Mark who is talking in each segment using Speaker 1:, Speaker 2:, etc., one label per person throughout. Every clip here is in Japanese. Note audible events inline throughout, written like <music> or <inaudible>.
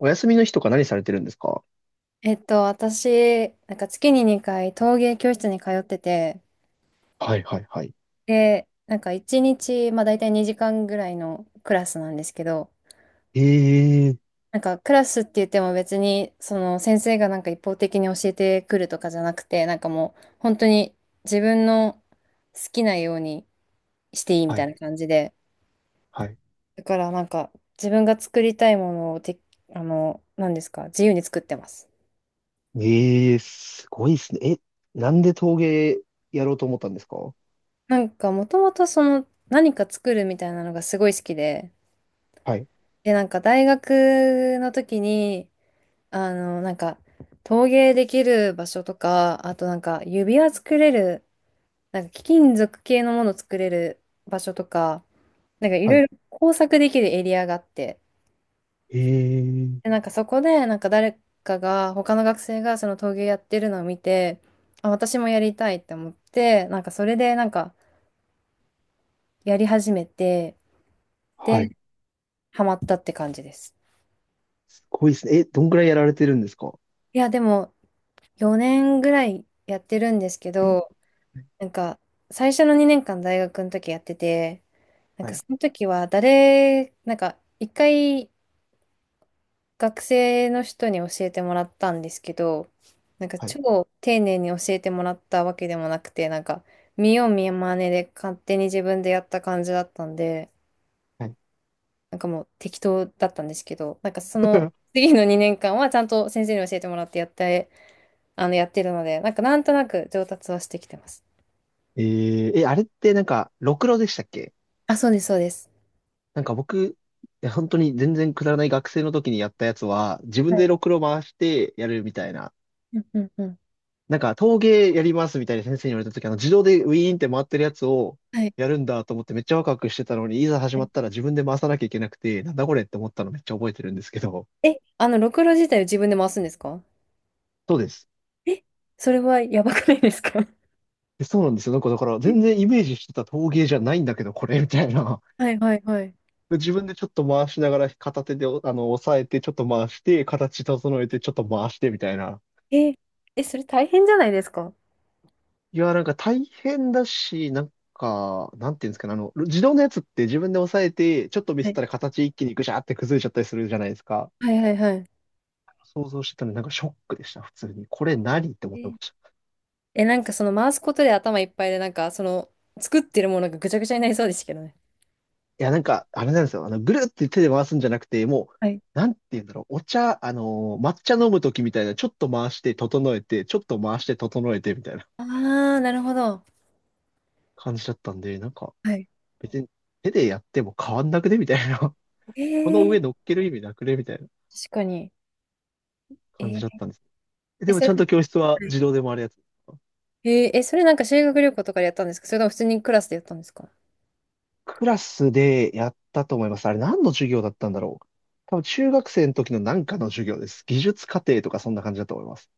Speaker 1: お休みの日とか何されてるんですか？
Speaker 2: 私、なんか月に2回陶芸教室に通ってて、
Speaker 1: はいはいはい。
Speaker 2: で、なんか1日、まあ大体2時間ぐらいのクラスなんですけど、
Speaker 1: ええ、
Speaker 2: なんかクラスって言っても別に、その先生がなんか一方的に教えてくるとかじゃなくて、なんかもう本当に自分の好きなようにしていいみ
Speaker 1: は
Speaker 2: たい
Speaker 1: い
Speaker 2: な感じで、
Speaker 1: はい。
Speaker 2: だからなんか自分が作りたいものをて、何ですか、自由に作ってます。
Speaker 1: ええ、すごいですね。え、なんで陶芸やろうと思ったんですか？
Speaker 2: なんかもともとその何か作るみたいなのがすごい好きで、
Speaker 1: はい
Speaker 2: で、なんか大学の時に、なんか陶芸できる場所とか、あとなんか指輪作れる、なんか貴金属系のもの作れる場所とか、なんかい
Speaker 1: は
Speaker 2: ろい
Speaker 1: い。
Speaker 2: ろ工作できるエリアがあって、
Speaker 1: ええ、
Speaker 2: で、なんかそこでなんか誰かが、他の学生がその陶芸やってるのを見て、あ、私もやりたいって思って、なんかそれでなんかやり始めて、
Speaker 1: は
Speaker 2: で、
Speaker 1: い。
Speaker 2: ハマったって感じです。
Speaker 1: すごいですね。え、どんくらいやられてるんですか？
Speaker 2: いや、でも4年ぐらいやってるんですけど、
Speaker 1: え、
Speaker 2: なんか、最初の2年間大学の時やってて、なん
Speaker 1: は
Speaker 2: か
Speaker 1: い
Speaker 2: その時はなんか一回学生の人に教えてもらったんですけど、なんか
Speaker 1: はい
Speaker 2: 超丁寧に教えてもらったわけでもなくて、なんか見よう見まねで勝手に自分でやった感じだったんで、
Speaker 1: はい。
Speaker 2: なんかもう適当だったんですけど、なんかその
Speaker 1: <laughs>
Speaker 2: 次の2年間はちゃんと先生に教えてもらってやって、やってるので、なんかなんとなく上達はしてきてます。
Speaker 1: え、ええ、あれってなんか、ろくろでしたっけ？
Speaker 2: あ、そうです、そうです。
Speaker 1: なんか僕、いや本当に全然くだらない学生の時にやったやつは、自分
Speaker 2: は
Speaker 1: で
Speaker 2: い。
Speaker 1: ろくろ回してやるみたいな。
Speaker 2: うんうんうん。
Speaker 1: なんか陶芸やりますみたいな先生に言われた時、自動でウィーンって回ってるやつを
Speaker 2: はい。
Speaker 1: やるんだと思ってめっちゃワクワクしてたのに、いざ始まったら自分で回さなきゃいけなくて、なんだこれって思ったのめっちゃ覚えてるんですけど。
Speaker 2: え、ろくろ自体を自分で回すんですか？
Speaker 1: そうです。
Speaker 2: え、それはやばくないですか？ <laughs>
Speaker 1: でそうなんですよ。なんかだから
Speaker 2: え、
Speaker 1: 全然イメージしてた陶芸じゃないんだけど、これみたいな。
Speaker 2: はいはいはい。
Speaker 1: <laughs> で自分でちょっと回しながら片手で押さえて、ちょっと回して、形整えて、ちょっと回してみたいな。
Speaker 2: え、え、それ大変じゃないですか？
Speaker 1: いや、なんか大変だし、なんか、なんていうんですかね、あの、自動のやつって自分で押さえて、ちょっとミス
Speaker 2: は
Speaker 1: っ
Speaker 2: い
Speaker 1: たら形一気にグシャーって崩れちゃったりするじゃないですか。
Speaker 2: はいはいはい。
Speaker 1: 想像してたのになんかショックでした、普通に。これ何って思って
Speaker 2: え、
Speaker 1: ました。
Speaker 2: え、なんかその回すことで頭いっぱいで、なんかその作ってるものがぐちゃぐちゃになりそうですけどね。
Speaker 1: いや、なんか、あれなんですよ。あの、ぐるって手で回すんじゃなくて、も
Speaker 2: はい。
Speaker 1: う、なんていうんだろう、お茶、抹茶飲むときみたいな、ちょっと回して整えて、ちょっと回して整えてみたいな
Speaker 2: ああ、なるほど。
Speaker 1: 感じだったんで、なんか、
Speaker 2: はい。
Speaker 1: 別に手でやっても変わんなくねみたいな。
Speaker 2: え
Speaker 1: <laughs> この上
Speaker 2: ー、
Speaker 1: 乗っける意味なくねみたいな
Speaker 2: 確かに。え
Speaker 1: 感じだっ
Speaker 2: ー、
Speaker 1: たんです。え
Speaker 2: え、
Speaker 1: でも
Speaker 2: そ
Speaker 1: ち
Speaker 2: れ、
Speaker 1: ゃんと教室は
Speaker 2: はい、
Speaker 1: 自動で回るやつですか？
Speaker 2: えー、え、それなんか修学旅行とかでやったんですか？それとも普通にクラスでやったんですか？
Speaker 1: クラスでやったと思います。あれ何の授業だったんだろう。多分中学生の時のなんかの授業です。技術課程とかそんな感じだと思います。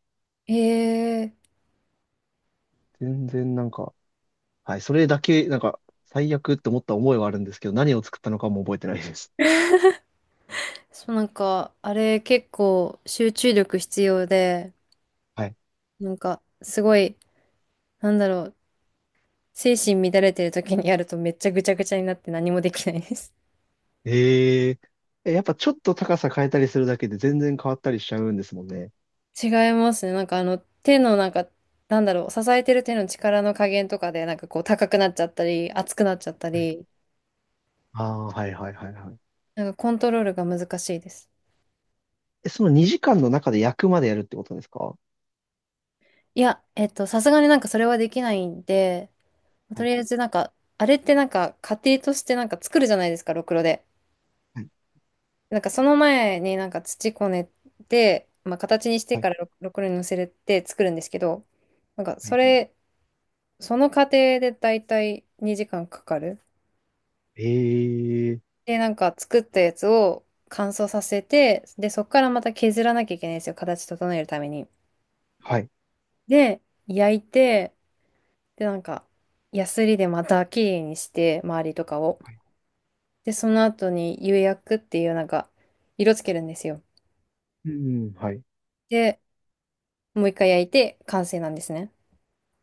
Speaker 2: えー、
Speaker 1: 全然なんか、はい、それだけ、なんか、最悪って思った思いはあるんですけど、何を作ったのかも覚えてないです。
Speaker 2: そうなんか、あれ結構集中力必要で、
Speaker 1: はい。
Speaker 2: なんか、すごい、なんだろう、精神乱れてる時にやるとめっちゃぐちゃぐちゃになって何もできないです。
Speaker 1: えー、えやっぱちょっと高さ変えたりするだけで全然変わったりしちゃうんですもんね。
Speaker 2: <laughs> 違いますね。なんか手のなんか、なんだろう、支えてる手の力の加減とかで、なんかこう、高くなっちゃったり、熱くなっちゃった
Speaker 1: はい。
Speaker 2: り、
Speaker 1: ああ、はいはいはいはい。
Speaker 2: なんかコントロールが難しいです。
Speaker 1: え、その2時間の中で役までやるってことですか？
Speaker 2: いや、さすがになんかそれはできないんで、
Speaker 1: は
Speaker 2: と
Speaker 1: い
Speaker 2: りあえずなんか、あれってなんか、家庭としてなんか作るじゃないですか、ろくろで。
Speaker 1: はい
Speaker 2: なんかその前になんか土こねて、まあ、形にして
Speaker 1: はい。
Speaker 2: からろくろに乗せて作るんですけど、なんか
Speaker 1: は
Speaker 2: そ
Speaker 1: い。
Speaker 2: れ、その過程でだいたい2時間かかる。
Speaker 1: ええー。
Speaker 2: で、なんか作ったやつを乾燥させて、で、そこからまた削らなきゃいけないんですよ。形整えるために。
Speaker 1: はい。
Speaker 2: で、焼いて、で、なんか、ヤスリでまた綺麗にして、周りとかを。
Speaker 1: はい。
Speaker 2: で、その後に釉薬っていうなんか、色つけるんですよ。
Speaker 1: うん、はい。
Speaker 2: で、もう一回焼いて完成なんですね。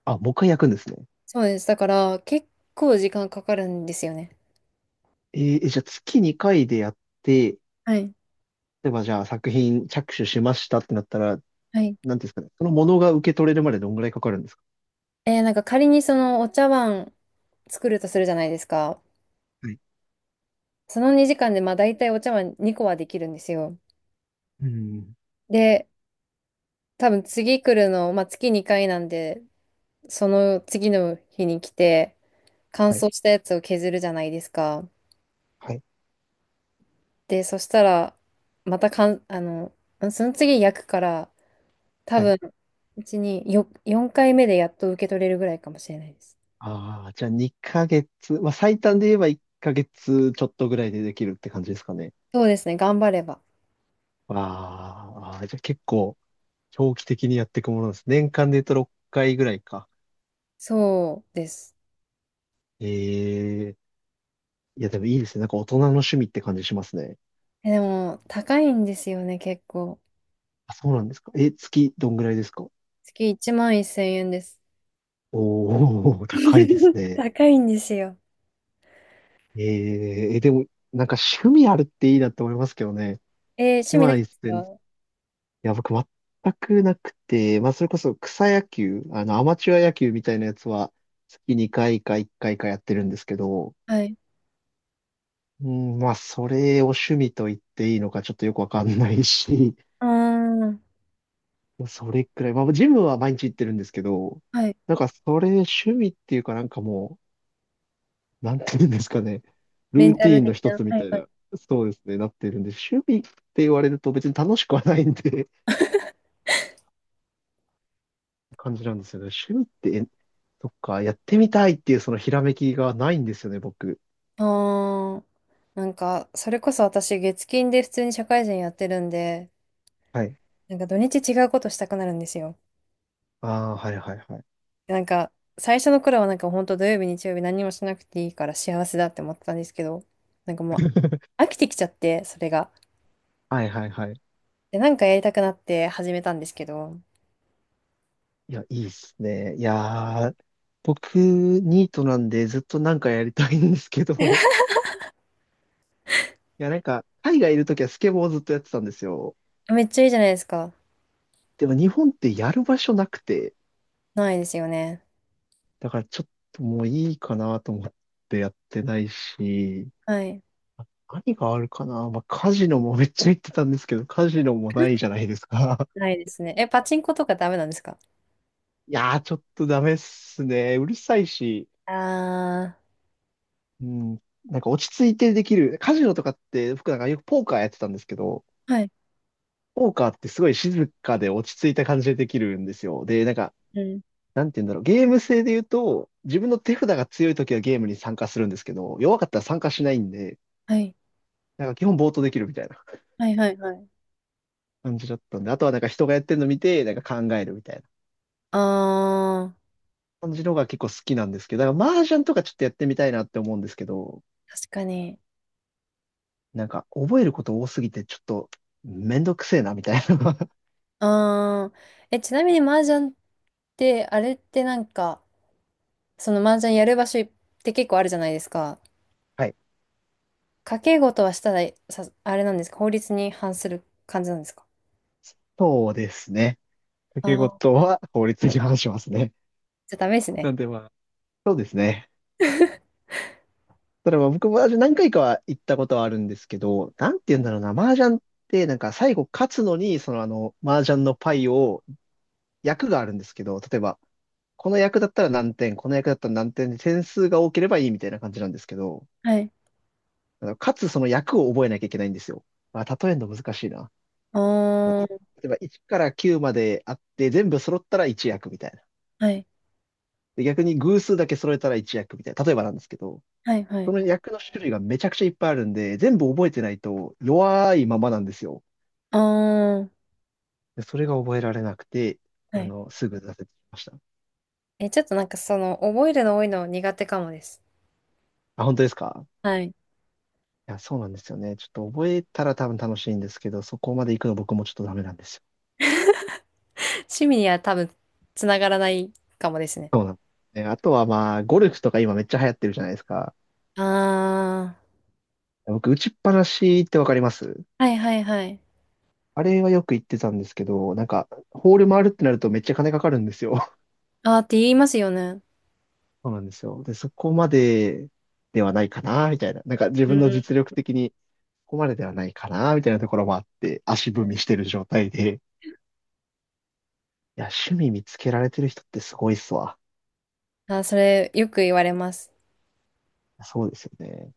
Speaker 1: あ、もう一回焼くんですね。
Speaker 2: そうです。だから、結構時間かかるんですよね。
Speaker 1: えー、えじゃあ月2回でやって、
Speaker 2: はい。
Speaker 1: 例えばじゃあ作品着手しましたってなったら、
Speaker 2: はい。
Speaker 1: なんていうんですかね、そのものが受け取れるまでどんぐらいかかるんですか？
Speaker 2: えー、なんか仮にそのお茶碗作るとするじゃないですか。
Speaker 1: はい。
Speaker 2: その2時間でまあ大体お茶碗2個はできるんですよ。
Speaker 1: うん。
Speaker 2: で、多分次来るの、まあ月2回なんで、その次の日に来て乾
Speaker 1: はい。
Speaker 2: 燥したやつを削るじゃないですか。
Speaker 1: はい。
Speaker 2: で、そしたら、またかん、あの、その次焼くから、多
Speaker 1: はい。
Speaker 2: 分、うちに4回目でやっと受け取れるぐらいかもしれないです。
Speaker 1: ああ、じゃあ2ヶ月、まあ最短で言えば1ヶ月ちょっとぐらいでできるって感じですかね。
Speaker 2: そうですね、頑張れば。
Speaker 1: わあ、じゃあ結構長期的にやっていくものです。年間で言うと6回ぐらいか。
Speaker 2: そうです。
Speaker 1: ええ、いやでもいいですね。なんか大人の趣味って感じしますね。
Speaker 2: え、でも、高いんですよね、結構。
Speaker 1: あ、そうなんですか。え、月どんぐらいですか？
Speaker 2: 月1万1000円です。
Speaker 1: <laughs> おー、高いです
Speaker 2: <laughs>
Speaker 1: ね。
Speaker 2: 高いんですよ。
Speaker 1: えー、え、でも、なんか趣味あるっていいなって思いますけどね。
Speaker 2: えー、趣味ない
Speaker 1: 今
Speaker 2: で
Speaker 1: 言っ
Speaker 2: す
Speaker 1: てんです、
Speaker 2: か？
Speaker 1: いや、僕全くなくて、まあ、それこそ草野球、あの、アマチュア野球みたいなやつは、月2回か1回かいかやってるんですけど、
Speaker 2: はい。
Speaker 1: うん、まあ、それを趣味と言っていいのかちょっとよくわかんないし、
Speaker 2: ああ、
Speaker 1: <laughs> それくらい、まあ、ジムは毎日行ってるんですけど、
Speaker 2: はい。
Speaker 1: なんかそれ趣味っていうかなんかもう、なんていうんですかね、
Speaker 2: レ
Speaker 1: ル
Speaker 2: ン
Speaker 1: ー
Speaker 2: タ
Speaker 1: ティ
Speaker 2: ル
Speaker 1: ーンの
Speaker 2: 的
Speaker 1: 一
Speaker 2: な。
Speaker 1: つみ
Speaker 2: は
Speaker 1: た
Speaker 2: い
Speaker 1: い
Speaker 2: はい。
Speaker 1: な、そうですね、なってるんで、趣味って言われると別に楽しくはないんで、感じなんですよね。趣味って、えそっか、やってみたいっていうそのひらめきがないんですよね、僕。
Speaker 2: ああ、なんか、それこそ私、月金で普通に社会人やってるんで、
Speaker 1: はい。
Speaker 2: なんか土日違うことしたくなるんですよ。
Speaker 1: ああ、はいはいはい。
Speaker 2: なんか、最初の頃はなんか本当土曜日、日曜日何もしなくていいから幸せだって思ってたんですけど、なんかもう、
Speaker 1: <laughs>
Speaker 2: 飽きてきちゃって、それが。
Speaker 1: はいはいはい。
Speaker 2: で、なんかやりたくなって始めたんですけど、
Speaker 1: いや、いいっすね。いやー、僕、ニートなんでずっとなんかやりたいんですけど、いや、なんか、海外いるときはスケボーをずっとやってたんですよ。
Speaker 2: めっちゃいいじゃないですか。
Speaker 1: でも日本ってやる場所なくて、
Speaker 2: ないですよね。
Speaker 1: だからちょっともういいかなと思ってやってないし、
Speaker 2: はい。
Speaker 1: 何があるかな。まあ、カジノもめっちゃ言ってたんですけど、カジノもないじゃないですか。
Speaker 2: ないですね。え、パチンコとかダメなんですか？
Speaker 1: <laughs> いやー、ちょっとダメっすね。うるさいし、
Speaker 2: あ
Speaker 1: うん、なんか落ち着いてできる。カジノとかって、僕なんかよくポーカーやってたんですけど、
Speaker 2: ー。はい。
Speaker 1: ポーカーってすごい静かで落ち着いた感じでできるんですよ。で、なんか、
Speaker 2: うん。
Speaker 1: なんて言うんだろう。ゲーム性で言うと、自分の手札が強い時はゲームに参加するんですけど、弱かったら参加しないんで、
Speaker 2: はい。
Speaker 1: なんか基本暴投できるみたいな。
Speaker 2: はいはいはい。
Speaker 1: 感じだったんで、あとはなんか人がやってるの見て、なんか考えるみたいな
Speaker 2: あー。
Speaker 1: 感じのが結構好きなんですけど、だから麻雀とかちょっとやってみたいなって思うんですけど、
Speaker 2: 確かに。
Speaker 1: なんか覚えること多すぎてちょっとめんどくせえなみたいな。<laughs>
Speaker 2: あー。え、ちなみに麻雀って、あれってなんか、その麻雀やる場所って結構あるじゃないですか。
Speaker 1: はい。
Speaker 2: 賭け事はしたら、さ、あれなんですか？法律に反する感じなんですか？
Speaker 1: そうですね。掛け
Speaker 2: あ
Speaker 1: 事
Speaker 2: ー。
Speaker 1: は法律に反しますね。
Speaker 2: じゃあダメです
Speaker 1: な
Speaker 2: ね。
Speaker 1: んでまあ、そうですね。
Speaker 2: <laughs>
Speaker 1: ただまあ僕も麻雀何回かは行ったことはあるんですけど、なんて言うんだろうな、麻雀ってなんか最後勝つのに、そのあの、麻雀のパイを役があるんですけど、例えば、この役だったら何点、この役だったら何点で点数が多ければいいみたいな感じなんですけど、
Speaker 2: はい。
Speaker 1: あのかつその役を覚えなきゃいけないんですよ。あ、例えるの難しいな。
Speaker 2: あ
Speaker 1: い例
Speaker 2: ー。
Speaker 1: えば1から9まであって、全部揃ったら1役みたいな。
Speaker 2: はい。
Speaker 1: で、逆に偶数だけ揃えたら1役みたいな。例えばなんですけど、
Speaker 2: はいは
Speaker 1: そ
Speaker 2: い。
Speaker 1: の役の種類がめちゃくちゃいっぱいあるんで、全部覚えてないと弱いままなんですよ。
Speaker 2: ああ、
Speaker 1: でそれが覚えられなくて、
Speaker 2: は
Speaker 1: あ
Speaker 2: い。
Speaker 1: の、すぐ挫折しました。
Speaker 2: え、ちょっとなんかその、覚えるの多いの苦手かもです。
Speaker 1: あ、本当ですか？
Speaker 2: はい。
Speaker 1: いや、そうなんですよね。ちょっと覚えたら多分楽しいんですけど、そこまで行くの僕もちょっとダメなんですよ。
Speaker 2: 趣味には多分、つながらないかもですね。
Speaker 1: そうなんですね。あとはまあ、ゴルフとか今めっちゃ流行ってるじゃないですか。
Speaker 2: あ
Speaker 1: 僕、打ちっぱなしってわかります？
Speaker 2: あ、はいはいはい。
Speaker 1: あれはよく行ってたんですけど、なんか、ホール回るってなるとめっちゃ金かかるんですよ。<laughs>
Speaker 2: ああって言いますよね。
Speaker 1: そうなんですよ。で、そこまでではないかな、みたいな。なんか自
Speaker 2: う
Speaker 1: 分の実
Speaker 2: ん。
Speaker 1: 力的にここまでではないかな、みたいなところもあって、足踏みしてる状態で。いや、趣味見つけられてる人ってすごいっすわ。
Speaker 2: あー、それ、よく言われます。
Speaker 1: そうですよね。